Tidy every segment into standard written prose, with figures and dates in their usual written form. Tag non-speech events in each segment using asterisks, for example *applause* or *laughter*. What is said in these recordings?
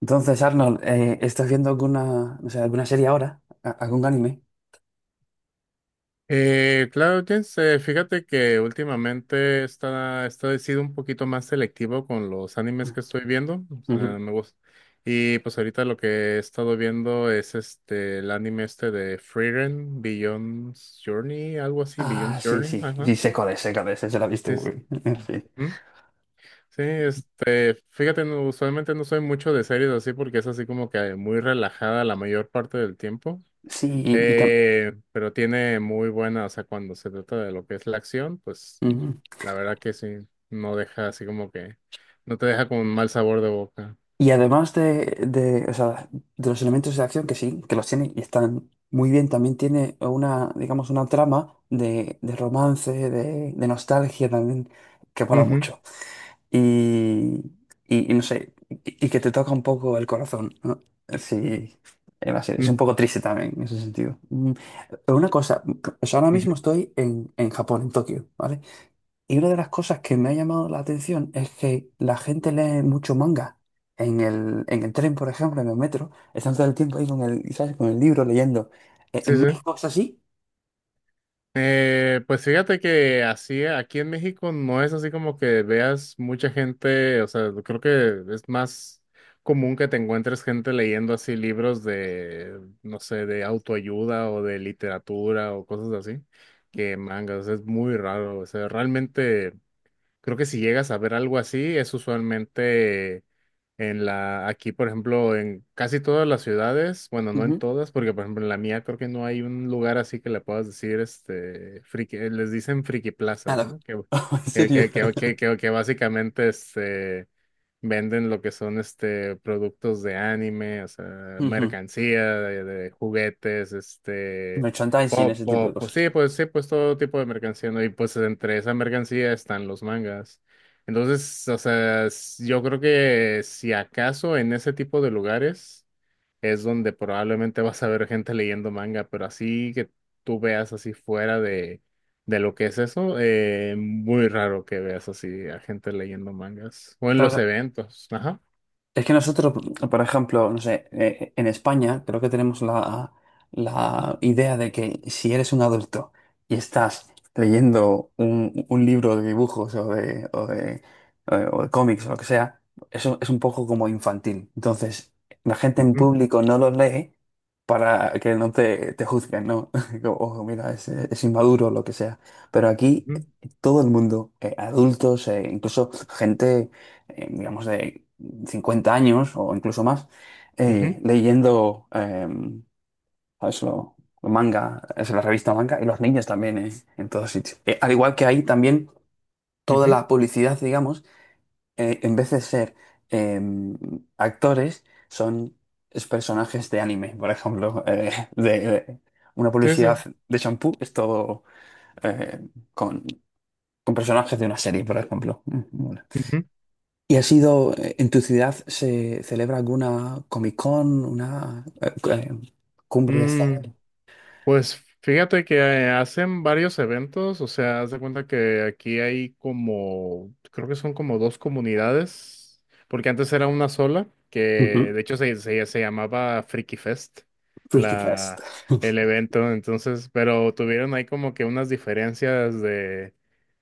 Entonces, Arnold, ¿estás viendo alguna, no sé, alguna serie ahora? ¿A- ¿Algún anime? Claro, Jens, fíjate que últimamente está he sido un poquito más selectivo con los animes que estoy viendo. O sea, Ujú. me gusta. Y pues ahorita lo que he estado viendo es este el anime este de Frieren, Beyond Journey, algo así, Beyond Ah, sí, Journey, sí, ajá. sí, sé cuál es, se la he visto, Es- güey. *laughs* Ujú. Sí, este, fíjate, no, usualmente no soy mucho de series así porque es así como que muy relajada la mayor parte del tiempo. Sí, sí, Pero tiene muy buena, o sea, cuando se trata de lo que es la acción, pues, ujú. la verdad que sí, no deja así como que, no te deja con un mal sabor de boca. Y además de, o sea, de los elementos de acción que sí, que los tiene y están muy bien, también tiene una, digamos, una trama de romance, de nostalgia también, que mola Ujú, mucho. Y, y no sé, y que te toca un poco el corazón, ¿no? Sí, es mm, un poco triste también en ese sentido. Mm, pero una cosa, o sea, ahora ujú. mismo estoy en Japón, en Tokio, ¿vale? Y una de las cosas que me ha llamado la atención es que la gente lee mucho manga. En el tren, por ejemplo, en el metro, están todo el tiempo ahí con el, ¿sabes? Con el libro leyendo. Sí, En sí. México es así? Pues fíjate que así, aquí en México no es así como que veas mucha gente. O sea, creo que es más común que te encuentres gente leyendo así libros de, no sé, de autoayuda o de literatura o cosas así, que mangas. O sea, es muy raro. O sea, realmente creo que si llegas a ver algo así, es usualmente en la, aquí, por ejemplo, en casi todas las ciudades. Bueno, no en Ujú. todas, porque por ejemplo en la mía creo que no hay un lugar así que le puedas decir, este, friki. Les dicen friki A plazas, los- ¿no? Que, *laughs* ¿En que, serio? que, que, que, que- que básicamente, este, venden lo que son, este, productos de anime. O sea, Ujú. mercancía, de, juguetes, este, Merchandising, pop, ese tipo de pop, pues cosas. sí, pues sí, pues todo tipo de mercancía, ¿no? Y pues entre esa mercancía están los mangas. Entonces, o sea, yo creo que si acaso en ese tipo de lugares es donde probablemente vas a ver gente leyendo manga, pero así que tú veas así fuera de lo que es eso, muy raro que veas así a gente leyendo mangas o en los Claro, eventos. Ajá. es que nosotros, por ejemplo, no sé, en España creo que tenemos la, la idea de que si eres un adulto y estás leyendo un libro de dibujos o de, o de, o de cómics o lo que sea, eso es un poco como infantil. Entonces, la gente en Ujú, público no lo lee para que no te, te juzguen, ¿no? *laughs* Como, ojo, mira, es inmaduro o lo que sea. Pero aquí ujú, todo el mundo, adultos, incluso gente digamos, de 50 años o incluso más eh, ujú, leyendo eh, ¿sabes? Lo manga, es la revista manga, y los niños también en todos sitios. Al igual que ahí también toda ujú. la publicidad, digamos, en vez de ser eh, actores, son es personajes de anime, por ejemplo, *laughs* de una Sí, sí. publicidad de shampoo es todo eh, con, con personajes de una serie, por ejemplo. Mm, mola. Ujú. ¿Y ha sido, en tu ciudad se celebra alguna Comic Con, una cumbre de esta? Mm, Pues fíjate que, hacen varios eventos. O sea, haz de cuenta que aquí hay como, creo que son como dos comunidades, porque antes era una sola, que Ujú. de hecho se llamaba Freaky Fest, Freaky Fest. la, el *laughs* evento. Entonces, pero tuvieron ahí como que unas diferencias de,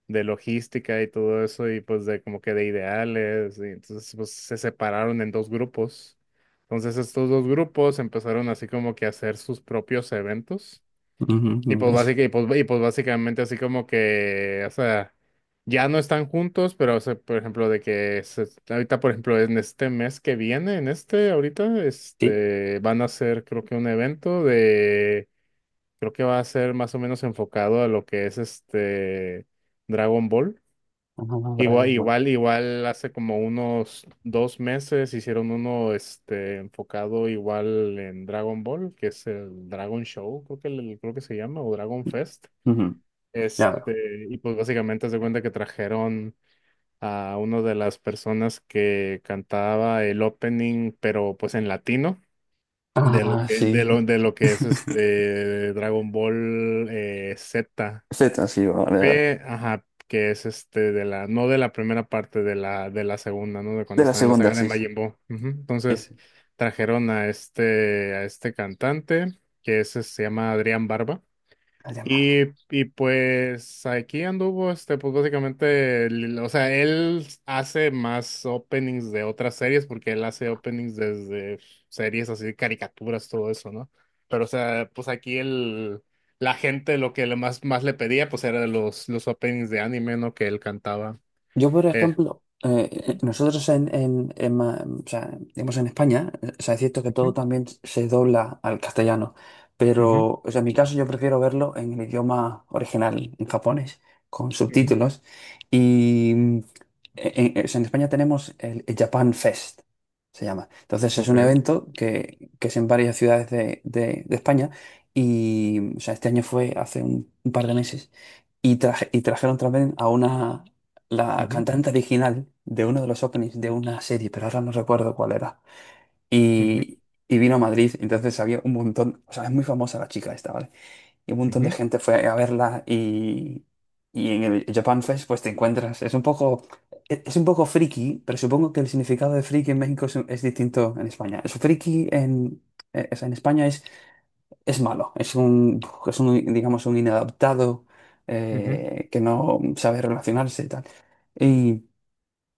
de logística y todo eso, y pues de como que de ideales, y entonces pues se separaron en dos grupos. Entonces estos dos grupos empezaron así como que a hacer sus propios eventos. Ujú. Y pues, básicamente así como que, o sea, ya no están juntos, pero, o sea, por ejemplo, de que ahorita, por ejemplo, en este mes que viene, en este, ahorita, Sí. este, van a hacer, creo que un evento de, creo que va a ser más o menos enfocado a lo que es este Dragon Ball. Ah, Igual, Dragon Ball. igual, igual hace como unos 2 meses hicieron uno, este, enfocado igual en Dragon Ball, que es el Dragon Show, creo que se llama, o Dragon Fest. Ujú. Ya veo. Este, y pues básicamente se cuenta que trajeron a una de las personas que cantaba el opening, pero pues en latino, de lo Ah, que, de sí. lo, de lo que es este Dragon Ball, Z, Z, sí, vale, vale. P, ajá, que es este de la, no de la primera parte, de la, segunda, ¿no? De cuando De la están en la segunda, saga de sí, sí. Majin Buu. Ujú. Sí, Entonces, sí. trajeron a este cantante, que es, este, se llama Adrián Barba. Allá en Y, y pues aquí anduvo, este, pues básicamente, o sea, él hace más openings de otras series porque él hace openings desde series así, caricaturas, todo eso, ¿no? Pero, o sea, pues aquí el, la gente lo que le más le pedía, pues era los openings de anime, ¿no? Que él cantaba. yo, por Eh. ejemplo, nosotros en, o sea, digamos en España, o sea, es cierto que Ujú, todo también se dobla al castellano, ujú, pero o sea, en mi caso yo prefiero verlo en el idioma original, en japonés, con ujú, subtítulos. Y mm, en, o sea, en España tenemos el Japan Fest, se llama. Entonces es ok, un evento que es en varias ciudades de, de España y o sea, este año fue hace un par de meses y, y trajeron también a una, la ujú, cantante original de uno de los openings de una serie, pero ahora no recuerdo cuál era. ujú, Y, y vino a Madrid, entonces había un montón, o sea, es muy famosa la chica esta, ¿vale? Y un montón de ujú, gente fue a verla y en el Japan Fest pues te encuentras, es un poco, es un poco friki, pero supongo que el significado de friki en México es distinto en España. Es friki en, o sea, en España es malo, es un, digamos, un inadaptado ujú, que no sabe relacionarse y tal. Y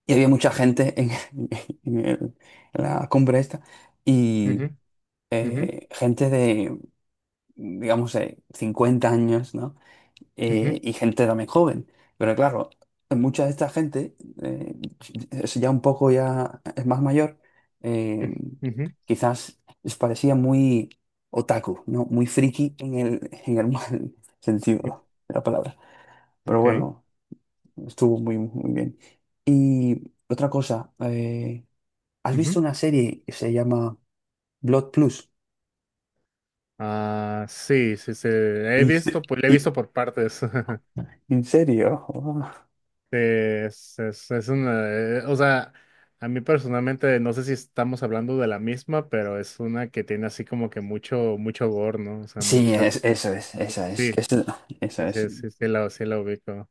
y había mucha gente en, *laughs* en en la cumbre esta ujú, y ujú, gente de, digamos, 50 años, ¿no? Ujú, Y gente también joven. Pero claro, mucha de esta gente eh, es ya un poco ya es más mayor, eh, ujú, ujú, quizás les parecía muy otaku, ¿no? Muy friki en el mal *laughs* ujú, sentido de la palabra. Pero ok. bueno, estuvo muy, muy bien. Y otra cosa... ¿has visto una serie que se llama Blood Plus? Ah, sí, sí, sí, he ¿En, se- visto, pues le he y- visto por partes. *laughs* en serio? *laughs* Es una, o sea, a mí personalmente no sé si estamos hablando de la misma, pero es una que tiene así como que mucho, mucho gore, ¿no? O sea, Sí, mucha, es, eso es, esa es, sí, que es, esa sí, es. sí, sí, sí la ubico.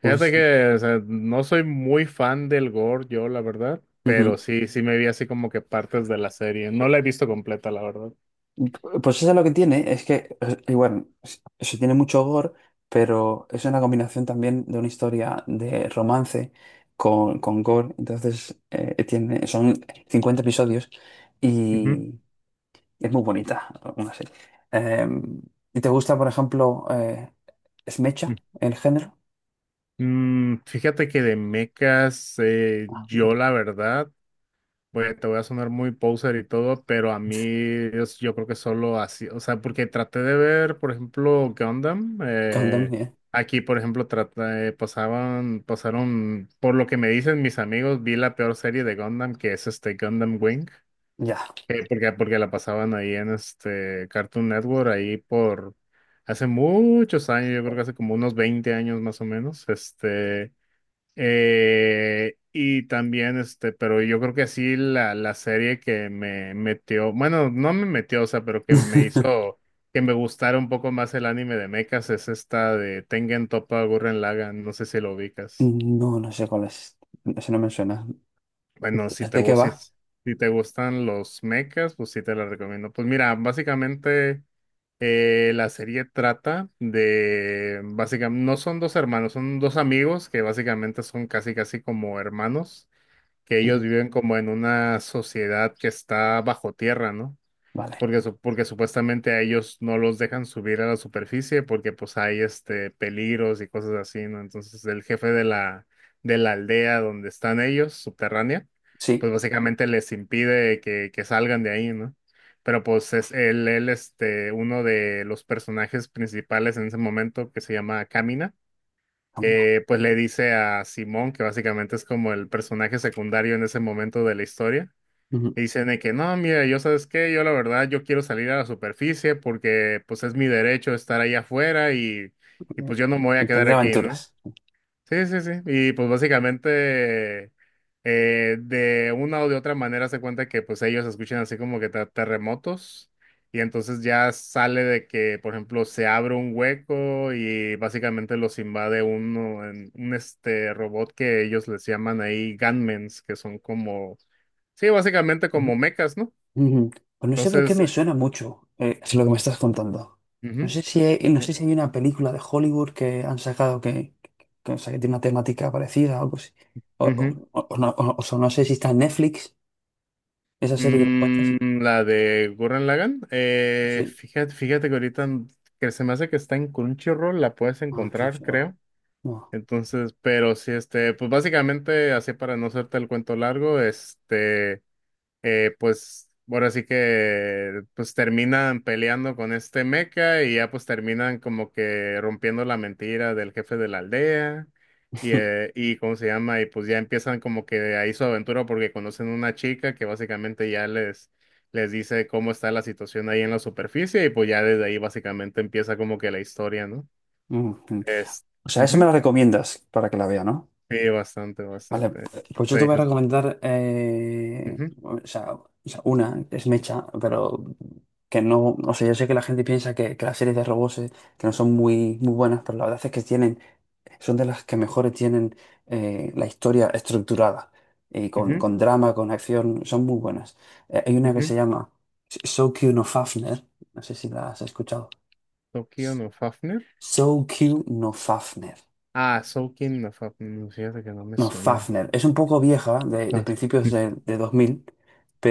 Fíjate Pues, que, o sea, no soy muy fan del gore, yo, la verdad, pero ujú. sí, sí me vi así como que partes de la serie. No la he visto completa, la verdad. Pues eso es lo que tiene, es que, igual, se tiene mucho gore, pero es una combinación también de una historia de romance con gore, entonces tiene, son 50 episodios Ujú. y es muy bonita una serie. Eh, ¿Y te gusta, por ejemplo, Smecha, el género? Fíjate que de mechas, Ah, yo la verdad, pues te voy a sonar muy poser y todo, pero a mí yo creo que solo así. O sea, porque traté de ver, por ejemplo, Gundam, Gundam, aquí, por ejemplo, trata, pasaban, pasaron, por lo que me dicen mis amigos, vi la peor serie de Gundam, que es este Gundam Wing, ya. Porque la pasaban ahí en este Cartoon Network, ahí por... Hace muchos años, yo creo que hace como unos 20 años más o menos. Este, y también, este, pero yo creo que sí, la, serie que me metió, bueno, no me metió, o sea, pero que me *laughs* hizo que me gustara un poco más el anime de mechas es esta de Tengen Toppa Gurren Lagann, no sé si lo ubicas. No, no sé cuál es. Ese no me suena. Bueno, si te, ¿De qué gu- si, va? si te gustan los mechas, pues sí te la recomiendo. Pues mira, básicamente, la serie trata de, básicamente, no son dos hermanos, son dos amigos que básicamente son casi, casi como hermanos, que ellos Mm, viven como en una sociedad que está bajo tierra, ¿no? vale. Porque supuestamente a ellos no los dejan subir a la superficie porque pues hay este peligros y cosas así, ¿no? Entonces el jefe de la aldea donde están ellos, subterránea, pues Sí. básicamente les impide que salgan de ahí, ¿no? Pero pues es él, este, uno de los personajes principales en ese momento que se llama Kamina, Ah, mira. Pues le dice a Simón, que básicamente es como el personaje secundario en ese momento de la historia, Ujú. le dicen de que no, mira, yo sabes qué, yo la verdad, yo quiero salir a la superficie porque pues es mi derecho estar ahí afuera, y pues yo no me voy a quedar Tendré aquí, ¿no? aventuras. Sí, sí, sí. Y pues básicamente, de una o de otra manera se cuenta que pues ellos escuchan así como que terremotos, y entonces ya sale de que, por ejemplo, se abre un hueco y básicamente los invade uno, un este robot que ellos les llaman ahí gunmen's, que son como, sí, básicamente Ujú. como mechas, ¿no? Ujú. Pues no sé por qué Entonces, me suena mucho es lo que me estás contando. No ujú, sé si hay, no sé si hay una película de Hollywood que han sacado que, o sea, que tiene una temática parecida o algo así. O, o- ujú. o- o no, o- o sea, no sé si está en Netflix, esa serie que me cuentas. La de Gurren Lagann. Sí. Fíjate que ahorita que se me hace que está en Crunchyroll, la puedes Ah, encontrar, cancelado. creo. No. Entonces, pero sí, este, pues básicamente, así para no hacerte el cuento largo, este, pues ahora sí que pues terminan peleando con este mecha, y ya pues terminan como que rompiendo la mentira del jefe de la aldea *laughs* y cómo se llama, y pues ya empiezan como que ahí su aventura porque conocen una chica que básicamente ya les dice cómo está la situación ahí en la superficie, y pues ya desde ahí básicamente empieza como que la historia, ¿no? Mm, Es, o sea, ¿eso me ujú. la recomiendas para que la vea, no? Sí, bastante, Vale, bastante. pues yo Sí, te voy a recomendar, ujú, o sea, una, que es Mecha, pero que no, o sea, yo sé que la gente piensa que las series de robots que no son muy, muy buenas, pero la verdad es que tienen, son de las que mejores tienen la historia estructurada y ujú, con drama, con acción, son muy buenas. Hay una que se ujú. llama So Q no Fafner, no sé si la has escuchado. Tokio no Fafnir. So Q no Fafner. Ah, Soul King of Fíjate que no me No, suena. Fafner. Es un poco vieja, de Ah, principios de 2000,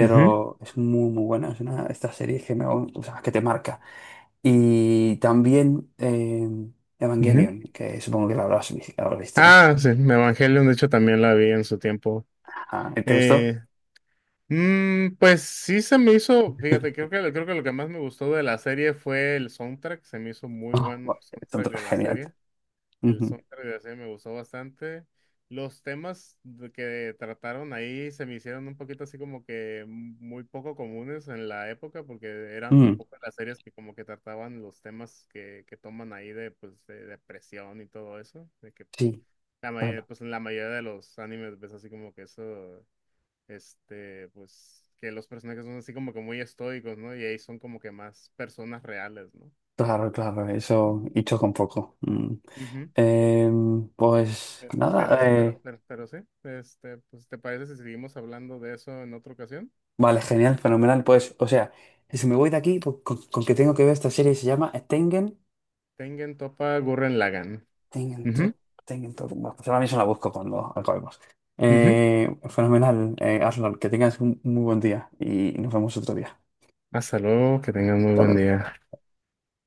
ujú, es muy, muy buena. Es una de estas series que, me, o sea, que te marca. Y también ujú. Evangelion, que supongo que la habrás, la habrás visto, ¿no? Ah, sí, Evangelion, de hecho, también la vi en su tiempo. Ajá. ¿Te gustó? Eh, pues sí se me hizo, fíjate, creo que lo que más me gustó de la serie fue el soundtrack, se me hizo muy Ah, bueno el soundtrack de la genial. serie. El Ujú. soundtrack de la serie me gustó bastante. Los temas que trataron ahí se me hicieron un poquito así como que muy poco comunes en la época, porque eran Mm, pocas las series que como que trataban los temas que toman ahí de pues de depresión y todo eso, de que pues sí, la mayoría, claro, pues en la mayoría de los animes ves así como que eso. Este, pues que los personajes son así como que muy estoicos, ¿no? Y ahí son como que más personas reales, ¿no? claro, claro. Ujú. Eso, hecho con poco. Mm. Ujú. Em, pues Eh, Pero, nada, pero, pero, pero sí, este, pues, ¿te parece si seguimos hablando de eso en otra ocasión? vale, genial, fenomenal. Pues, o sea, si me voy de aquí, pues, con que tengo que ver esta serie, se llama Tengen, Tengen Topa Gurren Lagann. Tengen to, Ujú, Tengen to. Bueno, pues ahora mismo la busco cuando acabemos. ujú. Fenomenal, Arnold, que tengas un muy buen día y nos vemos otro día. Hasta luego, que tengan muy Hasta buen luego. día.